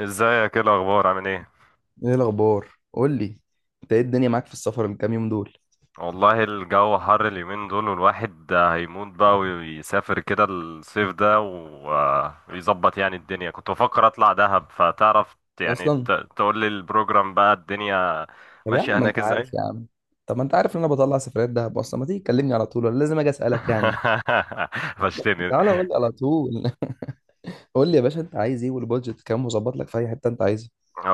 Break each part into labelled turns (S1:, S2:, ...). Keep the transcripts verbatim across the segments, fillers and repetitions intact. S1: ازيك؟ ايه الاخبار؟ عامل ايه؟
S2: ايه الاخبار؟ قول لي، انت ايه الدنيا معاك في السفر الكام يوم دول؟
S1: والله الجو حر اليومين دول، والواحد هيموت بقى ويسافر كده الصيف ده، و- ويظبط يعني الدنيا. كنت بفكر اطلع دهب، فتعرف يعني
S2: اصلا
S1: ت- تقول لي البروجرام بقى الدنيا
S2: طب يا
S1: ماشية
S2: عم، ما
S1: هناك
S2: انت عارف
S1: ازاي.
S2: يا عم، طب ما انت عارف ان انا بطلع سفريات دهب اصلا، ما تيجي تكلمني على طول ولا لازم اجي اسالك يعني؟
S1: فشتني.
S2: تعالى قول لي على طول. قول لي يا باشا، انت عايز ايه والبادجت كام، وظبط لك في اي حته انت عايزها.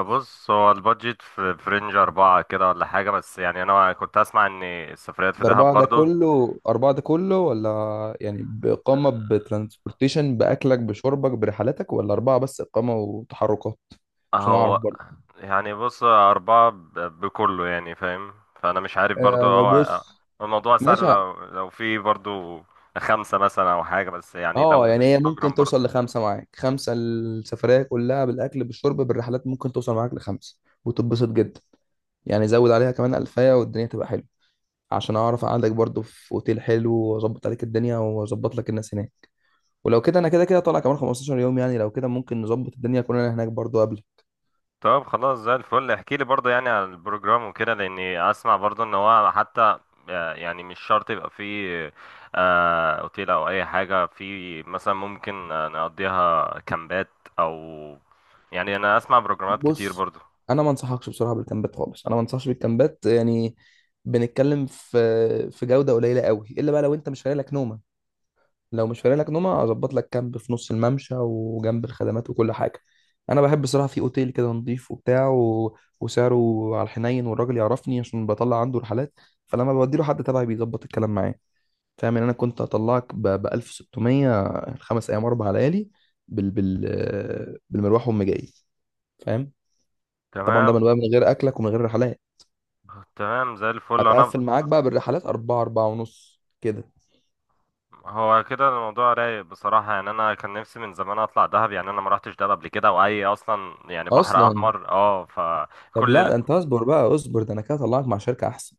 S1: بص، هو البادجت في في رينج أربعة كده ولا حاجة، بس يعني أنا كنت أسمع إن السفريات في
S2: ده
S1: دهب
S2: اربعه ده
S1: برضو.
S2: كله، اربعه ده كله ولا يعني باقامه بترانسبورتيشن باكلك بشربك برحلاتك، ولا اربعه بس اقامه وتحركات؟ عشان اعرف
S1: هو
S2: برضه.
S1: يعني بص، أربعة ب- بكله يعني، فاهم؟ فأنا مش عارف برضو.
S2: آه
S1: هو هو
S2: بص،
S1: الموضوع سهل
S2: ماشي.
S1: لو لو في برضو خمسة مثلا أو حاجة، بس يعني لو
S2: اه، يعني
S1: ليك
S2: هي ممكن
S1: بروجرام برضو.
S2: توصل لخمسه معاك، خمسه السفريه كلها بالاكل بالشرب بالرحلات، ممكن توصل معاك لخمسه وتتبسط جدا. يعني زود عليها كمان الفايه والدنيا تبقى حلوه، عشان اعرف اقعدك برضو في اوتيل حلو، واظبط عليك الدنيا، واظبط لك الناس هناك. ولو كده انا كده كده طالع كمان خمستاشر يوم، يعني لو كده ممكن نظبط الدنيا كلنا هناك برضو قبل.
S1: طب خلاص زي الفل، احكي لي برضو يعني عن البروجرام وكده، لأني أسمع برضو إن هو حتى، آه، يعني مش شرط يبقى فيه، آه، أوتيل أو أي حاجة. في مثلا ممكن، آه، نقضيها كامبات أو، يعني أنا أسمع بروجرامات كتير
S2: بص،
S1: برضو.
S2: انا ما انصحكش بصراحه بالكامبات خالص، انا ما انصحش بالكامبات يعني. بنتكلم في في جوده قليله قوي، الا بقى لو انت مش فارق لك نومه. لو مش فارق لك نومه، اظبط لك كامب في نص الممشى وجنب الخدمات وكل حاجه. انا بحب الصراحه في اوتيل كده نضيف وبتاع و... وسعره على الحنين، والراجل يعرفني عشان بطلع عنده رحلات، فلما بودي له حد تبعي بيظبط الكلام معاه. فاهم؟ ان انا كنت هطلعك ب ب ألف وستمية، خمس ايام اربع ليالي، بال... بال... بالمروح وام جاي. فاهم؟ طبعا
S1: تمام.
S2: ده من من غير اكلك ومن غير رحلات.
S1: تمام زي الفل انا.
S2: هتقفل معاك بقى بالرحلات أربعة، أربعة ونص كده.
S1: هو كده الموضوع رايق بصراحة، يعني أنا كان نفسي من زمان أطلع دهب. يعني أنا ما رحتش دهب قبل كده، وأي أصلا يعني بحر
S2: أصلا
S1: أحمر أه
S2: طب لا،
S1: فكل.
S2: ده أنت اصبر بقى، اصبر، ده أنا كده هطلعك مع شركة أحسن.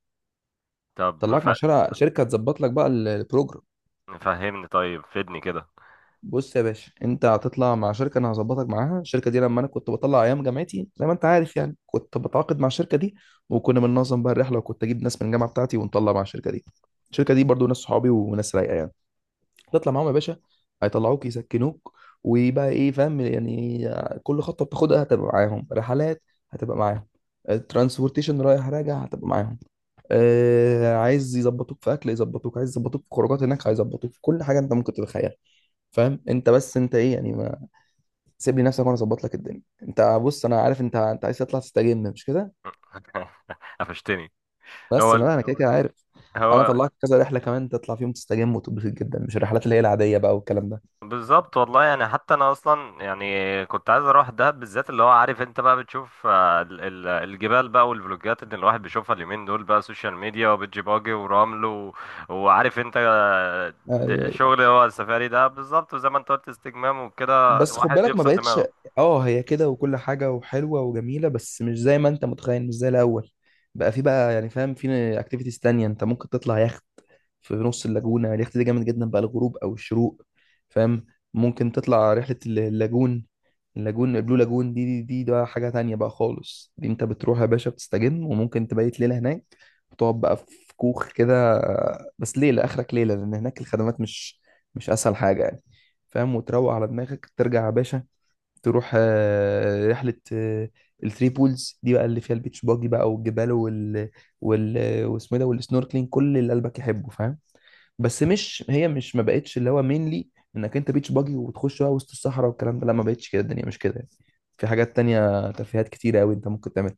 S1: طب
S2: طلعك
S1: ف...
S2: مع شركه، شركه تظبط لك بقى ال- البروجرام.
S1: فهمني طيب، فدني كده.
S2: بص يا باشا، انت هتطلع مع شركه انا هظبطك معاها. الشركه دي لما انا كنت بطلع ايام جامعتي، زي ما انت عارف يعني، كنت بتعاقد مع الشركه دي، وكنا بننظم بقى الرحله، وكنت اجيب ناس من الجامعه بتاعتي ونطلع مع الشركه دي. الشركه دي برضو ناس صحابي وناس رايقه يعني. تطلع معاهم يا باشا، هيطلعوك، يسكنوك، ويبقى ايه، فاهم يعني؟ كل خطوه بتاخدها هتبقى معاهم، رحلات هتبقى معاهم، الترانسبورتيشن رايح راجع هتبقى معاهم. آه عايز يظبطوك في اكل يظبطوك، عايز يظبطوك في خروجات هناك هيظبطوك، في كل حاجه انت ممكن تتخيلها. فاهم؟ انت بس انت ايه يعني، ما سيب لي نفسك وانا اظبط لك الدنيا. انت بص، انا عارف انت انت عايز تطلع تستجم، مش كده؟
S1: قفشتني.
S2: بس
S1: هو
S2: انا لا، انا كده كده عارف. انا
S1: هو
S2: طلعت كذا رحله كمان تطلع فيهم، تستجم وتتبسط جدا، مش الرحلات اللي هي العاديه بقى والكلام ده.
S1: بالظبط والله، يعني حتى انا اصلا يعني كنت عايز اروح دهب بالذات. اللي هو عارف انت بقى بتشوف، آه، ال- ال- الجبال بقى والفلوجات اللي الواحد بيشوفها اليومين دول بقى، سوشيال ميديا وبيتش باجي ورمل و... وعارف انت، آه،
S2: ايوه
S1: د-
S2: ايوه.
S1: شغل. هو السفاري ده بالظبط، وزي ما انت قلت، استجمام وكده
S2: بس خد
S1: الواحد
S2: بالك، ما
S1: يفصل
S2: بقتش.
S1: دماغه.
S2: اه هي كده، وكل حاجه وحلوه وجميله، بس مش زي ما انت متخيل، مش زي الاول. بقى في بقى يعني، فاهم، في اكتيفيتيز تانية انت ممكن تطلع يخت في نص اللاجونة. يعني اليخت ده جامد جدا بقى الغروب أو الشروق، فاهم؟ ممكن تطلع رحلة الل- اللاجون اللاجون البلو لاجون. دي دي دي ده حاجة تانية بقى خالص. دي انت بتروح يا باشا بتستجم، وممكن تبيت ليلة هناك وتقعد بقى في كوخ كده. بس ليلة آخرك ليلة، لأن هناك الخدمات مش مش أسهل حاجة يعني. فاهم؟ وتروق على دماغك ترجع يا باشا. تروح آه، رحلة آه، الثري بولز دي بقى، اللي فيها البيتش باجي بقى والجبال وال وال واسمه إيه ده، والسنوركلينج، كل اللي قلبك يحبه. فاهم؟ بس مش هي مش ما بقتش اللي هو مينلي انك انت بيتش باجي وتخش بقى وسط الصحراء والكلام ده. لا، ما بقتش كده، الدنيا مش كده يعني. في حاجات تانية ترفيهات كتيرة قوي انت ممكن تعملها،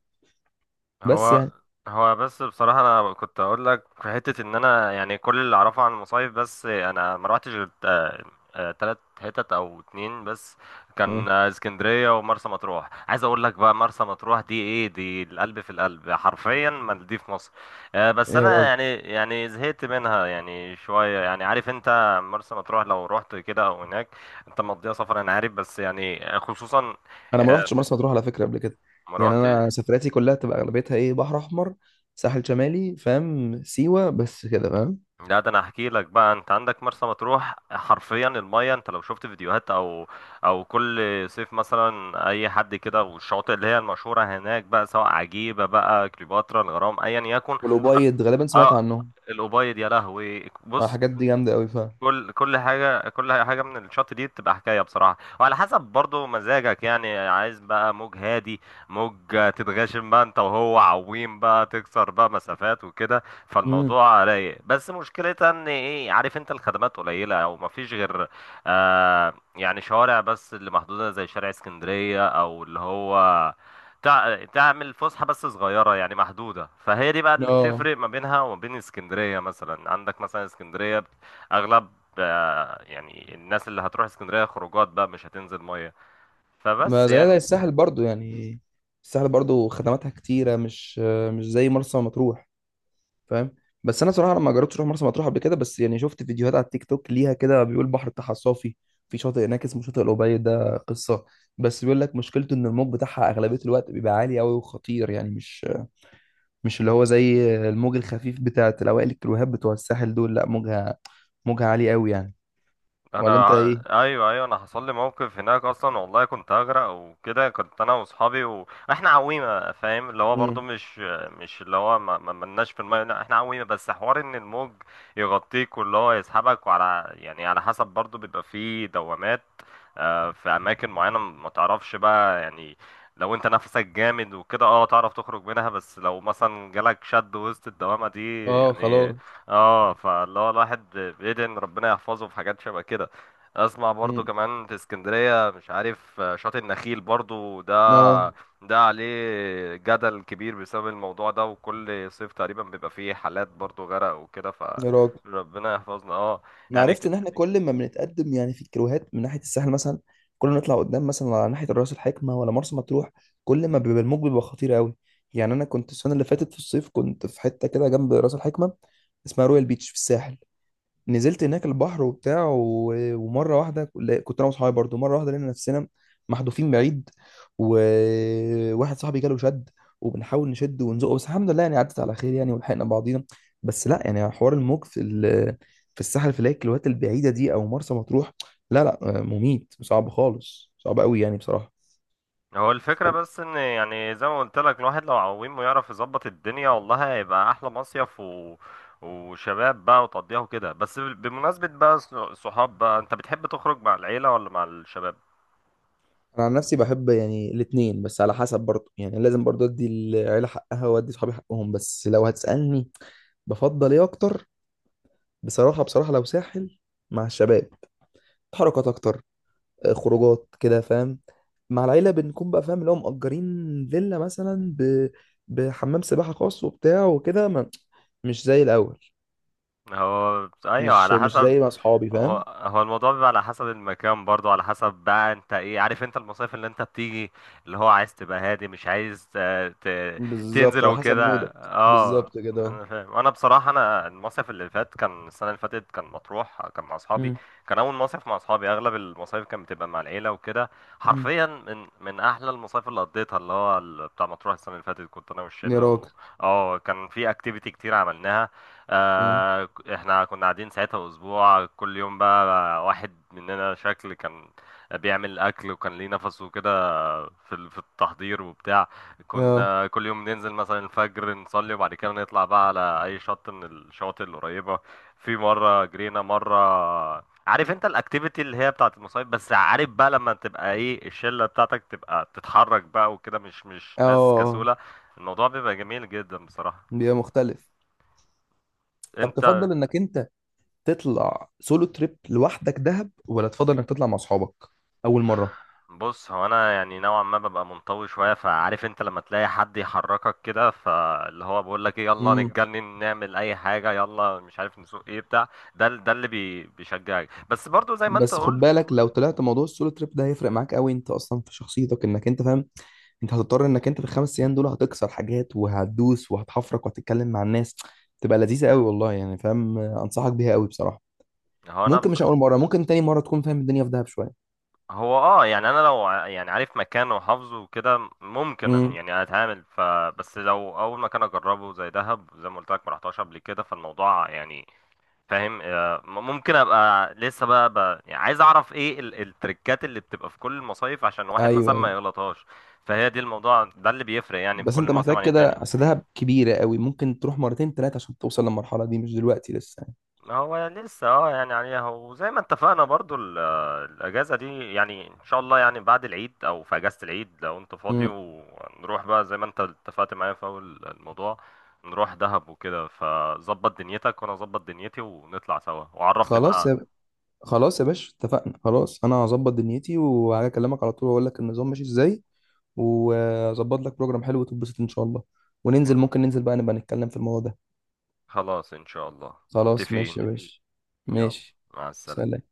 S2: بس
S1: هو
S2: يعني.
S1: هو بس بصراحة أنا كنت أقول لك في حتة، إن أنا يعني كل اللي أعرفه عن المصايف، بس أنا ما روحتش غير تا- آه، تلات حتت أو اتنين بس.
S2: مم.
S1: كان آه، اسكندرية ومرسى مطروح. عايز أقول لك بقى، مرسى مطروح دي إيه؟ دي القلب في القلب، حرفيا مالديف مصر. آه، بس
S2: ايه يا
S1: أنا
S2: راجل،
S1: يعني يعني زهقت منها يعني شوية. يعني عارف أنت مرسى مطروح لو رحت كده أو هناك، أنت مضيع سفر. أنا عارف بس يعني، آه، خصوصا،
S2: انا ما
S1: آه،
S2: رحتش مرسى مطروح على فكره قبل كده.
S1: ما
S2: يعني
S1: روحتش.
S2: انا سفرياتي كلها تبقى اغلبيتها ايه، بحر احمر، ساحل شمالي، فاهم، سيوه، بس كده فاهم.
S1: لا، ده انا هحكي لك بقى، انت عندك مرسى مطروح حرفيا المايه، انت لو شفت فيديوهات او او كل صيف مثلا اي حد كده، والشواطئ اللي هي المشهوره هناك بقى، سواء عجيبه بقى، كليوباترا، الغرام، ايا يكن. حر...
S2: والأبيض غالبا، سمعت
S1: اه
S2: عنهم.
S1: الأبيض، يا لهوي!
S2: آه،
S1: بص،
S2: الحاجات دي جامده قوي فاهم.
S1: كل كل حاجة، كل حاجة من الشط دي بتبقى حكاية بصراحة، وعلى حسب برضو مزاجك. يعني عايز بقى موج هادي، موج تتغاشم بقى انت وهو، عويم بقى، تكسر بقى مسافات وكده،
S2: امم
S1: فالموضوع رايق. بس مشكلتها ان ايه، عارف انت، الخدمات قليلة او مفيش غير، آه يعني، شوارع بس اللي محدودة، زي شارع اسكندرية، او اللي هو تع- تعمل فسحة بس صغيرة يعني محدودة. فهي دي بقى اللي
S2: اه.
S1: بتفرق ما بينها وما بين اسكندرية. مثلا عندك مثلا اسكندرية، اغلب آه، يعني الناس اللي هتروح اسكندريه خروجات بقى، مش هتنزل ميه. فبس
S2: ما زي
S1: يعني
S2: زي الساحل برضو يعني. الساحل برضو خدماتها كتيره، مش مش زي مرسى مطروح. فاهم؟ بس انا صراحه لما جربت اروح مرسى مطروح قبل كده، بس يعني شفت فيديوهات على التيك توك ليها كده، بيقول بحر بتاعها صافي. في شاطئ هناك اسمه شاطئ القبيل، ده قصه. بس بيقول لك مشكلته ان الموج بتاعها اغلبيه الوقت بيبقى عالي قوي وخطير، يعني مش مش اللي هو زي الموج الخفيف بتاع الاوائل الكروهات بتوع الساحل دول. لا، موجها موجها عالي قوي يعني. ولا
S1: انا
S2: انت ايه؟
S1: ع- ايوه، ايوه، انا حصل لي موقف هناك اصلا والله، كنت هغرق وكده. كنت انا واصحابي واحنا عويمه، فاهم، اللي هو برضو
S2: امم
S1: مش مش اللي هو ما ما- ملناش في الميه. لا، احنا عويمه، بس حوار ان الموج يغطيك، واللي هو يسحبك، وعلى يعني على حسب برضو بيبقى فيه دوامات آه، في اماكن معينه ما تعرفش بقى يعني. لو انت نفسك جامد وكده، اه، تعرف تخرج منها، بس لو مثلا جالك شد وسط الدوامه دي
S2: اه،
S1: يعني،
S2: خلاص.
S1: اه، فاللي هو الواحد بيدعي ان ربنا يحفظه في حاجات شبه كده. اسمع برضو
S2: امم
S1: كمان في اسكندرية، مش عارف، آه، شاطئ النخيل برضو، ده
S2: اه.
S1: ده عليه جدل كبير بسبب الموضوع ده، وكل صيف تقريبا بيبقى فيه حالات برضو غرق وكده،
S2: يا راجل،
S1: فربنا يحفظنا. اه
S2: انا
S1: يعني،
S2: عرفت ان احنا كل ما بنتقدم يعني في الكيلوهات من ناحيه الساحل مثلا، كل ما نطلع قدام مثلا على ناحيه الراس الحكمه ولا مرسى مطروح، كل ما بيبقى الموج بيبقى خطير قوي يعني. انا كنت السنه اللي فاتت في الصيف كنت في حته كده جنب راس الحكمه، اسمها رويال بيتش في الساحل. نزلت هناك البحر وبتاع و- ومره واحده، لا، كنت انا واصحابي برضو، مره واحده لقينا نفسنا محذوفين بعيد، وواحد صاحبي جاله شد، وبنحاول نشد ونزقه، بس الحمد لله يعني عدت على خير يعني، ولحقنا بعضينا. بس لا، يعني حوار الموج في ال... في الساحل في الايك الوقت البعيده دي او مرسى مطروح، لا لا، مميت صعب خالص، صعب قوي يعني بصراحه.
S1: هو الفكرة بس ان، يعني زي ما قلت لك، الواحد لو عويم ويعرف يظبط الدنيا، والله هيبقى احلى مصيف و... وشباب بقى، وتقضيها وكده. بس بمناسبة بقى ص- صحاب بقى، انت بتحب تخرج مع العيلة ولا مع الشباب؟
S2: انا عن نفسي بحب يعني الاثنين، بس على حسب برضه يعني، لازم برضه ادي العيله حقها وادي صحابي حقهم، بس لو هتسالني بفضل ايه اكتر، بصراحة بصراحة لو ساحل مع الشباب، حركات أكتر، آه، خروجات كده فاهم. مع العيلة بنكون بقى فاهم اللي هو مأجرين فيلا مثلا ب... بحمام سباحة خاص وبتاع وكده، ما... مش زي الأول،
S1: هو ايوه،
S2: مش
S1: على
S2: مش
S1: حسب.
S2: زي مع أصحابي
S1: هو
S2: فاهم.
S1: هو الموضوع بيبقى على حسب المكان برضو، على حسب بقى انت ايه، عارف انت المصايف اللي انت بتيجي، اللي هو عايز تبقى هادي، مش عايز، آه، ت...
S2: بالظبط،
S1: تنزل
S2: على حسب
S1: وكده،
S2: مودك.
S1: اه.
S2: بالظبط كده، اه.
S1: انا فاهم. انا بصراحه، انا المصيف اللي فات كان، السنه اللي فاتت كان مطروح، كان مع اصحابي.
S2: مم.
S1: كان اول مصيف مع اصحابي، اغلب المصايف كانت بتبقى مع العيله وكده.
S2: مم.
S1: حرفيا، من من احلى المصايف اللي قضيتها اللي هو ال- بتاع مطروح السنه اللي فاتت، كنت انا
S2: يا
S1: والشله و...
S2: راجل.
S1: اه، كان في اكتيفيتي كتير عملناها.
S2: مم.
S1: آه ك- احنا كنا قاعدين ساعتها اسبوع، كل يوم بقى واحد مننا شكل، كان بيعمل اكل، وكان ليه نفسه كده في ال- في التحضير وبتاع.
S2: اه.
S1: كنا كل يوم ننزل مثلا الفجر نصلي، وبعد كده نطلع بقى على اي شط من الشواطئ القريبة. في مرة جرينا، مرة عارف انت الاكتيفيتي اللي هي بتاعت المصايف، بس عارف بقى لما تبقى ايه، الشلة بتاعتك تبقى بتتحرك بقى وكده، مش مش
S2: اه.
S1: ناس
S2: آه.
S1: كسولة، الموضوع بيبقى جميل جدا بصراحة.
S2: بيبقى مختلف. طب
S1: انت
S2: تفضل انك انت تطلع سولو تريب لوحدك دهب، ولا تفضل انك تطلع مع اصحابك اول مره؟
S1: بص، هو انا يعني نوعا ما ببقى منطوي شويه، فعارف انت لما تلاقي حد يحركك كده، فاللي هو بيقول لك ايه، يلا نتجنن، نعمل اي حاجه، يلا مش عارف نسوق، ايه بتاع، ده ده اللي بي بيشجعك. بس برضو زي ما انت
S2: بس خد
S1: قلت،
S2: بالك، لو طلعت موضوع السولو تريب ده هيفرق معاك قوي، انت اصلا في شخصيتك، انك انت فاهم، انت هتضطر انك انت في الخمس ايام دول هتكسر حاجات، وهتدوس، وهتحفرك، وهتتكلم مع الناس. تبقى لذيذه قوي والله يعني، فاهم، انصحك بيها قوي بصراحه.
S1: هو انا
S2: ممكن
S1: بس،
S2: مش اول مره، ممكن تاني مره تكون فاهم الدنيا في دهب شويه.
S1: هو اه يعني، انا لو ع- يعني عارف مكانه وحافظه وكده، ممكن
S2: امم
S1: يعني اتعامل ف. بس لو اول مكان اجربه زي دهب، زي ما قلت لك ما رحتهاش قبل كده، فالموضوع يعني فاهم، آه، م- ممكن ابقى لسه بقى, بقى يعني عايز اعرف ايه ال- التريكات اللي بتبقى في كل المصايف، عشان واحد
S2: ايوه
S1: مثلا
S2: ايوه.
S1: ما يغلطهاش. فهي دي، الموضوع ده اللي بيفرق يعني في
S2: بس
S1: كل
S2: انت
S1: موسم
S2: محتاج
S1: عن
S2: كده،
S1: التاني.
S2: اصل دهب كبيره قوي، ممكن تروح مرتين ثلاثه عشان توصل للمرحله دي، مش دلوقتي لسه يعني.
S1: هو لسه، اه يعني عليها. وزي ما اتفقنا برضو ال- آه، الاجازه دي، يعني ان شاء الله، يعني بعد العيد او في اجازه العيد لو انت فاضي،
S2: امم
S1: ونروح بقى زي ما انت اتفقت معايا في اول الموضوع، نروح دهب وكده. فظبط دنيتك وانا اظبط دنيتي، ونطلع سوا، وعرفني
S2: خلاص.
S1: بقى.
S2: خلاص يا باشا، اتفقنا. خلاص انا هظبط دنيتي وهكلمك على طول واقول لك النظام ماشي ازاي، واظبط لك بروجرام حلو وتتبسط ان شاء الله.
S1: إن-
S2: وننزل، ممكن ننزل بقى نبقى نتكلم في الموضوع ده.
S1: خلاص ان شاء الله،
S2: خلاص
S1: متفقين.
S2: ماشي يا أكيد باشا،
S1: يلا،
S2: ماشي.
S1: مع
S2: سلام.
S1: السلامة.